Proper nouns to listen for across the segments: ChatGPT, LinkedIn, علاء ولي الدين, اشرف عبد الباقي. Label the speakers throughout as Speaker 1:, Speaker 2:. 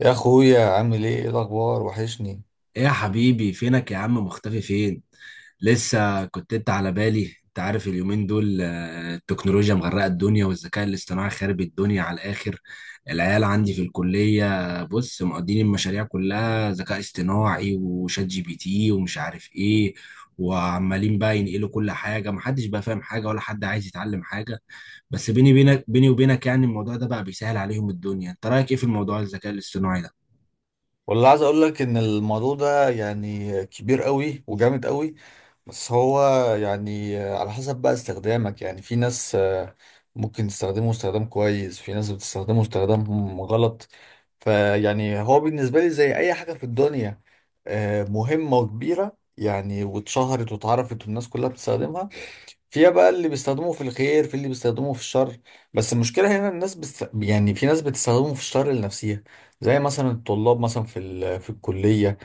Speaker 1: يا اخويا عامل ايه، ايه الاخبار؟ وحشني.
Speaker 2: ايه يا حبيبي، فينك يا عم؟ مختفي فين؟ لسه كنت انت على بالي. انت عارف اليومين دول، التكنولوجيا مغرقه الدنيا والذكاء الاصطناعي خارب الدنيا على الاخر. العيال عندي في الكليه، بص، مقضين المشاريع كلها ذكاء اصطناعي وشات جي بي تي ومش عارف ايه، وعمالين بقى ينقلوا كل حاجه، محدش بقى فاهم حاجه ولا حد عايز يتعلم حاجه. بس بيني بينك، بيني وبينك يعني الموضوع ده بقى بيسهل عليهم الدنيا. انت رايك ايه في الموضوع، الذكاء الاصطناعي ده؟
Speaker 1: والله عايز اقول لك ان الموضوع ده يعني كبير قوي وجامد قوي. بس هو يعني على حسب بقى استخدامك. يعني في ناس ممكن تستخدمه استخدام كويس، في ناس بتستخدمه استخدام غلط. فيعني هو بالنسبة لي زي اي حاجة في الدنيا مهمة وكبيرة. يعني واتشهرت واتعرفت والناس كلها بتستخدمها. فيها بقى اللي بيستخدموه في الخير، في اللي بيستخدموه في الشر. بس المشكلة هنا الناس يعني في ناس بتستخدمه في الشر لنفسها. زي مثلا الطلاب، مثلا في الكلية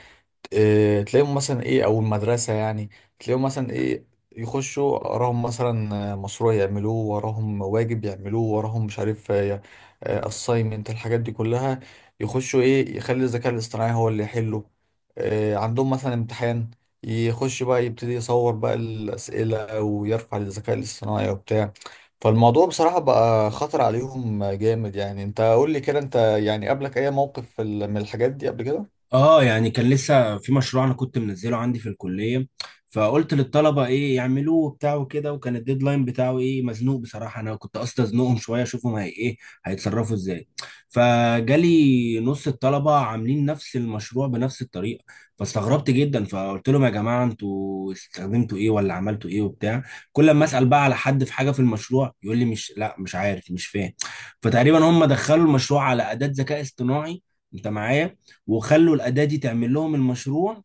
Speaker 1: تلاقيهم مثلا ايه، او المدرسه يعني. تلاقيهم مثلا ايه يخشوا وراهم مثلا مشروع يعملوه، وراهم واجب يعملوه، وراهم مش عارف اساينمنت، الحاجات دي كلها يخشوا ايه يخلي الذكاء الاصطناعي هو اللي يحله. عندهم مثلا امتحان، يخش بقى يبتدي يصور بقى الاسئله ويرفع للذكاء الاصطناعي وبتاع. فالموضوع بصراحة بقى خطر عليهم جامد. يعني انت قول لي كده، انت يعني قابلك اي موقف في من الحاجات دي قبل كده؟
Speaker 2: اه يعني كان لسه في مشروع انا كنت منزله عندي في الكليه، فقلت للطلبه ايه يعملوه وبتاع وكده، وكان الديدلاين بتاعه ايه، مزنوق بصراحه. انا كنت قصدي ازنقهم شويه اشوفهم هي ايه، هيتصرفوا ازاي. فجالي نص الطلبه عاملين نفس المشروع بنفس الطريقه، فاستغربت جدا. فقلت لهم: يا جماعه انتوا استخدمتوا ايه ولا عملتوا ايه وبتاع؟ كل ما اسال بقى على حد في حاجه في المشروع يقول لي مش لا مش عارف مش فاهم. فتقريبا هم دخلوا المشروع على اداه ذكاء اصطناعي، انت معايا؟ وخلوا الاداه دي تعمل لهم المشروع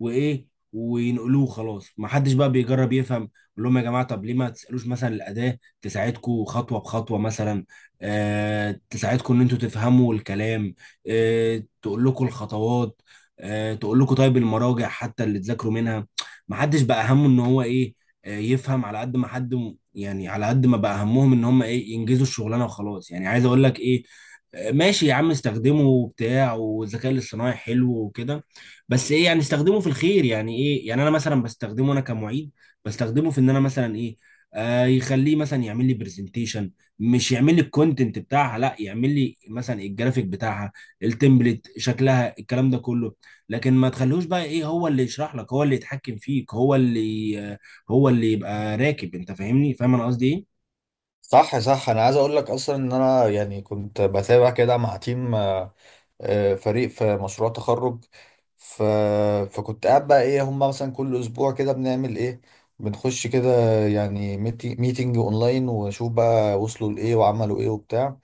Speaker 2: وايه، وينقلوه خلاص. ما حدش بقى بيجرب يفهم. يقول لهم يا جماعه، طب ليه ما تسالوش مثلا الاداه تساعدكم خطوه بخطوه مثلا، آه تساعدكم ان انتوا تفهموا الكلام، آه تقول لكم الخطوات، آه تقول لكم طيب المراجع حتى اللي تذاكروا منها. ما حدش بقى همه ان هو ايه، آه يفهم على قد ما حد يعني على قد ما بقى همهم ان هم ايه، ينجزوا الشغلانه وخلاص. يعني عايز اقول لك ايه، ماشي يا عم، استخدمه وبتاع والذكاء الاصطناعي حلو وكده، بس ايه يعني استخدمه في الخير. يعني ايه؟ يعني انا مثلا بستخدمه، انا كمعيد بستخدمه في ان انا مثلا ايه، آه يخليه مثلا يعمل لي برزنتيشن. مش يعمل لي الكونتنت بتاعها، لا، يعمل لي مثلا الجرافيك بتاعها، التمبلت، شكلها، الكلام ده كله. لكن ما تخلوش بقى ايه هو اللي يشرح لك، هو اللي يتحكم فيك، هو اللي هو اللي يبقى راكب. انت فاهمني؟ فاهم انا قصدي ايه؟
Speaker 1: صح، صح. انا عايز اقول لك اصلا ان انا يعني كنت بتابع كده مع تيم فريق في مشروع تخرج. ف... فكنت قاعد بقى ايه هم مثلا كل اسبوع كده بنعمل ايه، بنخش كده يعني ميتينج اونلاين، ونشوف بقى وصلوا لايه وعملوا ايه وبتاع.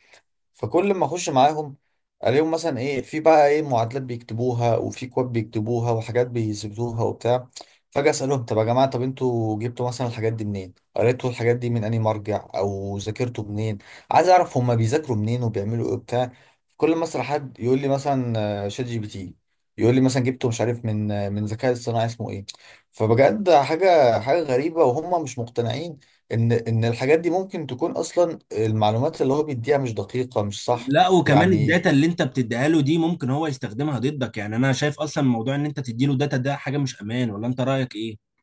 Speaker 1: فكل ما اخش معاهم الاقيهم مثلا ايه في بقى ايه، معادلات بيكتبوها وفي كواد بيكتبوها وحاجات بيثبتوها وبتاع. فجأة اسالهم طب يا جماعه، طب انتوا جبتوا مثلا الحاجات دي منين، قريتوا الحاجات دي من انهي مرجع او ذاكرتوا منين؟ عايز اعرف هما بيذاكروا منين وبيعملوا ايه وبتاع. كل ما اسال حد يقول لي مثلا شات جي بي تي. يقول لي مثلا جبته مش عارف من من ذكاء اصطناعي اسمه ايه. فبجد حاجه غريبه، وهم مش مقتنعين ان الحاجات دي ممكن تكون اصلا المعلومات اللي هو بيديها مش دقيقة، مش صح.
Speaker 2: لا، وكمان
Speaker 1: يعني
Speaker 2: الداتا اللي انت بتديها له دي ممكن هو يستخدمها ضدك. يعني انا شايف اصلا موضوع ان انت تدي له داتا ده حاجة مش امان، ولا انت رأيك ايه؟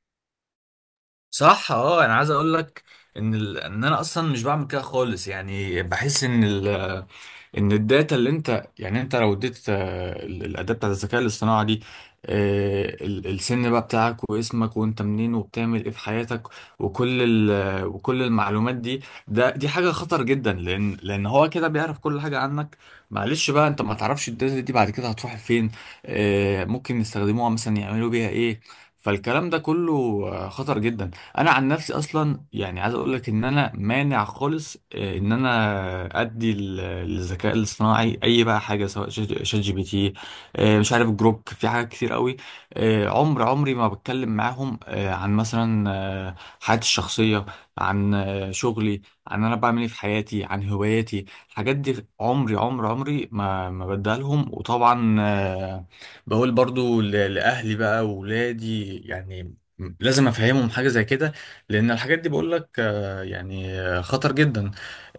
Speaker 1: صح، اه. انا عايز اقول لك ان انا اصلا مش بعمل كده خالص. يعني بحس ان الداتا اللي انت يعني انت لو اديت الاداه بتاعت الذكاء الاصطناعي دي السن بقى بتاعك واسمك وانت منين وبتعمل ايه في حياتك، وكل المعلومات دي، دي حاجه خطر جدا. لان هو كده بيعرف كل حاجه عنك. معلش بقى، انت ما تعرفش الداتا دي بعد كده هتروح فين. ممكن يستخدموها مثلا يعملوا بيها ايه. فالكلام ده كله خطر جدا. انا عن نفسي اصلا يعني عايز اقول لك ان انا مانع خالص ان انا ادي للذكاء الاصطناعي اي بقى حاجه سواء شات جي بي تي، مش عارف جروك، في حاجات كتير قوي. عمري ما بتكلم معاهم عن مثلا آه، حياتي الشخصيه، عن شغلي، عن انا بعمل ايه في حياتي، عن هواياتي. الحاجات دي عمري ما بديها لهم. وطبعا بقول برضو لاهلي بقى واولادي يعني لازم افهمهم حاجه زي كده. لان الحاجات دي بقول لك يعني يعني خطر جدا.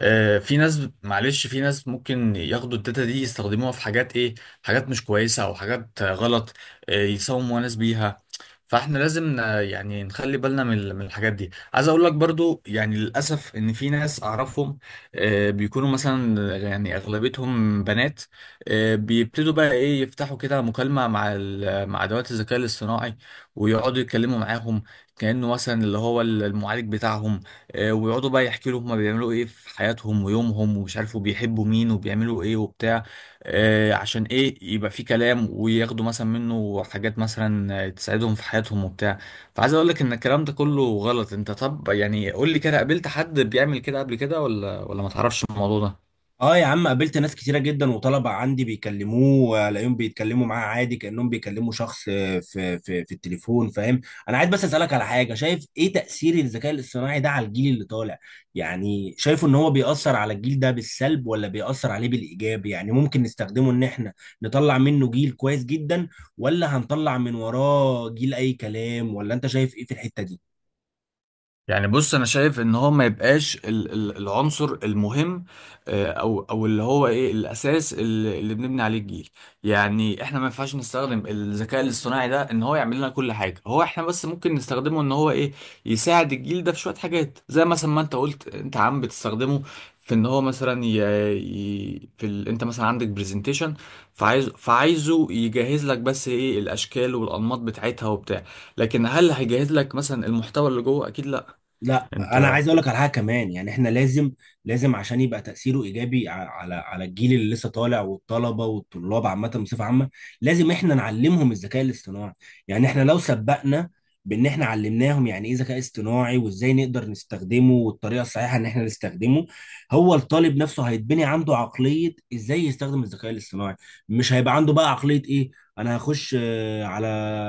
Speaker 1: في ناس، معلش، في ناس ممكن ياخدوا الداتا دي يستخدموها في حاجات ايه، حاجات مش كويسة او حاجات غلط، يساوموا ناس بيها. فاحنا لازم يعني نخلي بالنا من الحاجات دي. عايز اقول لك برضو يعني للاسف ان في ناس اعرفهم بيكونوا مثلا يعني اغلبيتهم بنات. بيبتدوا بقى ايه يفتحوا كده مكالمة مع ادوات الذكاء الاصطناعي، ويقعدوا يتكلموا معاهم كأنه مثلا اللي هو المعالج بتاعهم. ويقعدوا بقى يحكوا له هما بيعملوا ايه في حياتهم ويومهم ومش عارف وبيحبوا مين وبيعملوا ايه وبتاع. عشان ايه يبقى في كلام وياخدوا مثلا منه حاجات مثلا تساعدهم في حياتهم وبتاع. فعايز اقول لك ان الكلام ده كله غلط. انت طب يعني قول لي كده، قابلت حد بيعمل كده قبل كده ولا ما تعرفش الموضوع ده؟
Speaker 2: اه يا عم، قابلت ناس كتيرة جدا وطلبة عندي بيكلموه، الاقيهم بيتكلموا معاه عادي كأنهم بيكلموا شخص في في التليفون، فاهم. انا عايز بس اسألك على حاجة، شايف ايه تأثير الذكاء الاصطناعي ده على الجيل اللي طالع؟ يعني شايفه ان هو بيأثر على الجيل ده بالسلب ولا بيأثر عليه بالإيجاب؟ يعني ممكن نستخدمه ان احنا نطلع منه جيل كويس جدا، ولا هنطلع من وراه جيل اي كلام، ولا انت شايف ايه في الحتة دي؟
Speaker 1: يعني بص، انا شايف ان هو ما يبقاش العنصر المهم، او اللي هو ايه الاساس اللي بنبني عليه الجيل. يعني احنا ما ينفعش نستخدم الذكاء الاصطناعي ده ان هو يعمل لنا كل حاجه. هو احنا بس ممكن نستخدمه ان هو ايه يساعد الجيل ده في شويه حاجات، زي مثلا ما انت قلت انت عم بتستخدمه في ان هو مثلا انت مثلا عندك برزنتيشن. فعايزه يجهز لك بس ايه الاشكال والانماط بتاعتها وبتاع. لكن هل هيجهز لك مثلا المحتوى اللي جوه؟ اكيد لا.
Speaker 2: لا انا
Speaker 1: انت
Speaker 2: عايز اقول لك على حاجه كمان، يعني احنا لازم عشان يبقى تاثيره ايجابي على الجيل اللي لسه طالع والطلبه والطلاب عامه بصفه عامه، لازم احنا نعلمهم الذكاء الاصطناعي. يعني احنا لو سبقنا بان احنا علمناهم يعني ايه ذكاء اصطناعي وازاي نقدر نستخدمه والطريقه الصحيحه ان احنا نستخدمه، هو الطالب نفسه هيتبني عنده عقليه ازاي يستخدم الذكاء الاصطناعي. مش هيبقى عنده بقى عقليه ايه، انا هخش على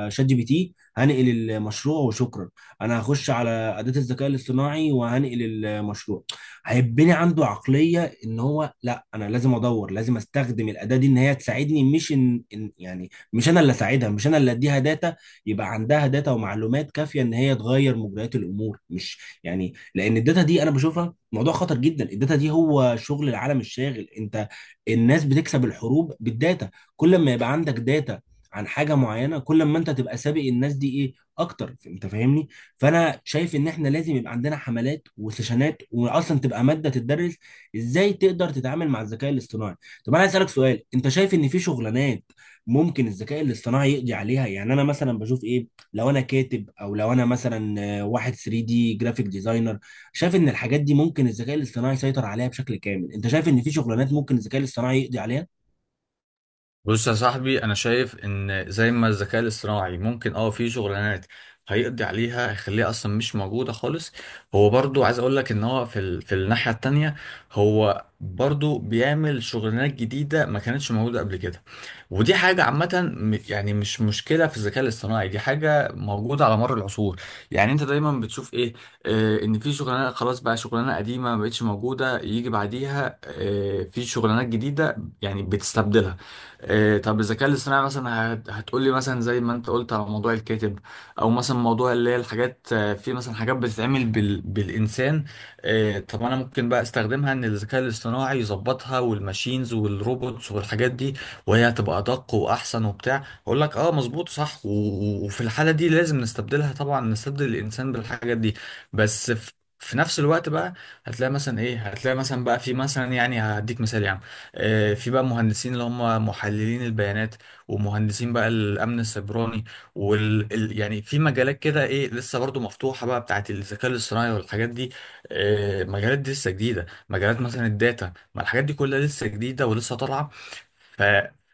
Speaker 2: شات جي بي تي هنقل المشروع وشكرا. انا هخش على اداه الذكاء الاصطناعي وهنقل المشروع. هيبني عنده عقليه ان هو لا، انا لازم ادور، لازم استخدم الاداه دي ان هي تساعدني، مش يعني مش انا اللي اساعدها، مش انا اللي اديها داتا يبقى عندها داتا ومعلومات كافيه ان هي تغير مجريات الامور. مش يعني، لان الداتا دي انا بشوفها موضوع خطر جدا. الداتا دي هو شغل العالم الشاغل، انت، الناس بتكسب الحروب بالداتا. كل ما يبقى عندك داتا عن حاجه معينه، كل ما انت تبقى سابق الناس دي ايه، اكتر. انت فاهمني؟ فانا شايف ان احنا لازم يبقى عندنا حملات وسيشنات، واصلا تبقى ماده تدرس ازاي تقدر تتعامل مع الذكاء الاصطناعي. طب انا عايز اسالك سؤال، انت شايف ان في شغلانات ممكن الذكاء الاصطناعي يقضي عليها؟ يعني انا مثلا بشوف ايه، لو انا كاتب او لو انا مثلا واحد 3 دي جرافيك ديزاينر، شايف ان الحاجات دي ممكن الذكاء الاصطناعي يسيطر عليها بشكل كامل. انت شايف ان في شغلانات ممكن الذكاء الاصطناعي يقضي عليها؟
Speaker 1: بص يا صاحبي، انا شايف ان زي ما الذكاء الاصطناعي ممكن في شغلانات هيقضي عليها، هيخليها اصلا مش موجوده خالص، هو برضو عايز اقول لك ان هو في الناحيه التانية هو برضو بيعمل شغلانات جديده ما كانتش موجوده قبل كده. ودي حاجه عامه يعني مش مشكله في الذكاء الاصطناعي، دي حاجه موجوده على مر العصور. يعني انت دايما بتشوف ايه، آه ان في شغلانه خلاص بقى، شغلانه قديمه ما بقتش موجوده، يجي بعديها آه في شغلانات جديده. يعني بتستبدلها. إيه، طب الذكاء الاصطناعي مثلا هتقولي مثلا زي ما انت قلت على موضوع الكاتب، او مثلا موضوع اللي هي الحاجات، في مثلا حاجات بتتعمل بالانسان. إيه، طب انا ممكن بقى استخدمها ان الذكاء الاصطناعي يظبطها والماشينز والروبوتس والحاجات دي، وهي هتبقى ادق واحسن وبتاع. اقول لك اه مظبوط صح، وفي الحالة دي لازم نستبدلها طبعا، نستبدل الانسان بالحاجات دي. بس في نفس الوقت بقى هتلاقي مثلا ايه، هتلاقي مثلا بقى في مثلا يعني هديك مثال يعني في بقى مهندسين اللي هم محللين البيانات، ومهندسين بقى الامن السيبراني، يعني في مجالات كده ايه لسه برضو مفتوحه بقى بتاعت الذكاء الاصطناعي والحاجات دي. مجالات دي لسه جديده، مجالات مثلا الداتا، ما الحاجات دي كلها لسه جديده ولسه طالعه. ف...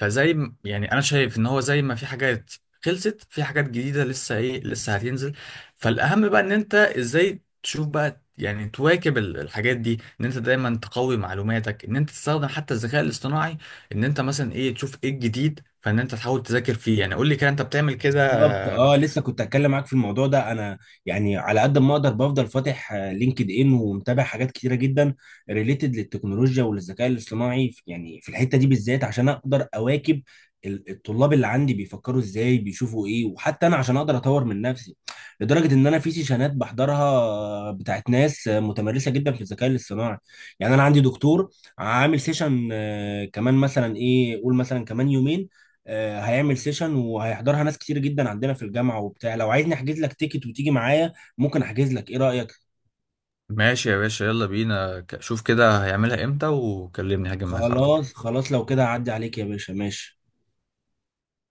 Speaker 1: فزي يعني انا شايف ان هو زي ما في حاجات خلصت في حاجات جديده لسه ايه لسه هتنزل. فالاهم بقى ان انت ازاي تشوف بقى، يعني تواكب الحاجات دي ان انت دايما تقوي معلوماتك، ان انت تستخدم حتى الذكاء الاصطناعي، ان انت مثلا ايه تشوف ايه الجديد فان انت تحاول تذاكر فيه. يعني قول لي كده انت بتعمل كده؟
Speaker 2: بالظبط، اه، لسه كنت هتكلم معاك في الموضوع ده. انا يعني على قد ما اقدر بفضل فاتح لينكد ان ومتابع حاجات كتيره جدا ريليتد للتكنولوجيا وللذكاء الاصطناعي يعني في الحته دي بالذات عشان اقدر اواكب الطلاب اللي عندي بيفكروا ازاي بيشوفوا ايه، وحتى انا عشان اقدر اطور من نفسي، لدرجه ان انا في سيشنات بحضرها، بتاعت ناس متمرسه جدا في الذكاء الاصطناعي. يعني انا عندي دكتور عامل سيشن كمان، مثلا ايه قول، مثلا كمان يومين هيعمل سيشن، وهيحضرها ناس كتير جدا عندنا في الجامعة وبتاع. لو عايزني احجز لك تيكت وتيجي معايا، ممكن احجز لك، ايه رأيك؟
Speaker 1: ماشي يا باشا، يلا بينا. شوف كده هيعملها امتى وكلمني هاجي معاك على طول.
Speaker 2: خلاص خلاص، لو كده هعدي عليك يا باشا، ماشي.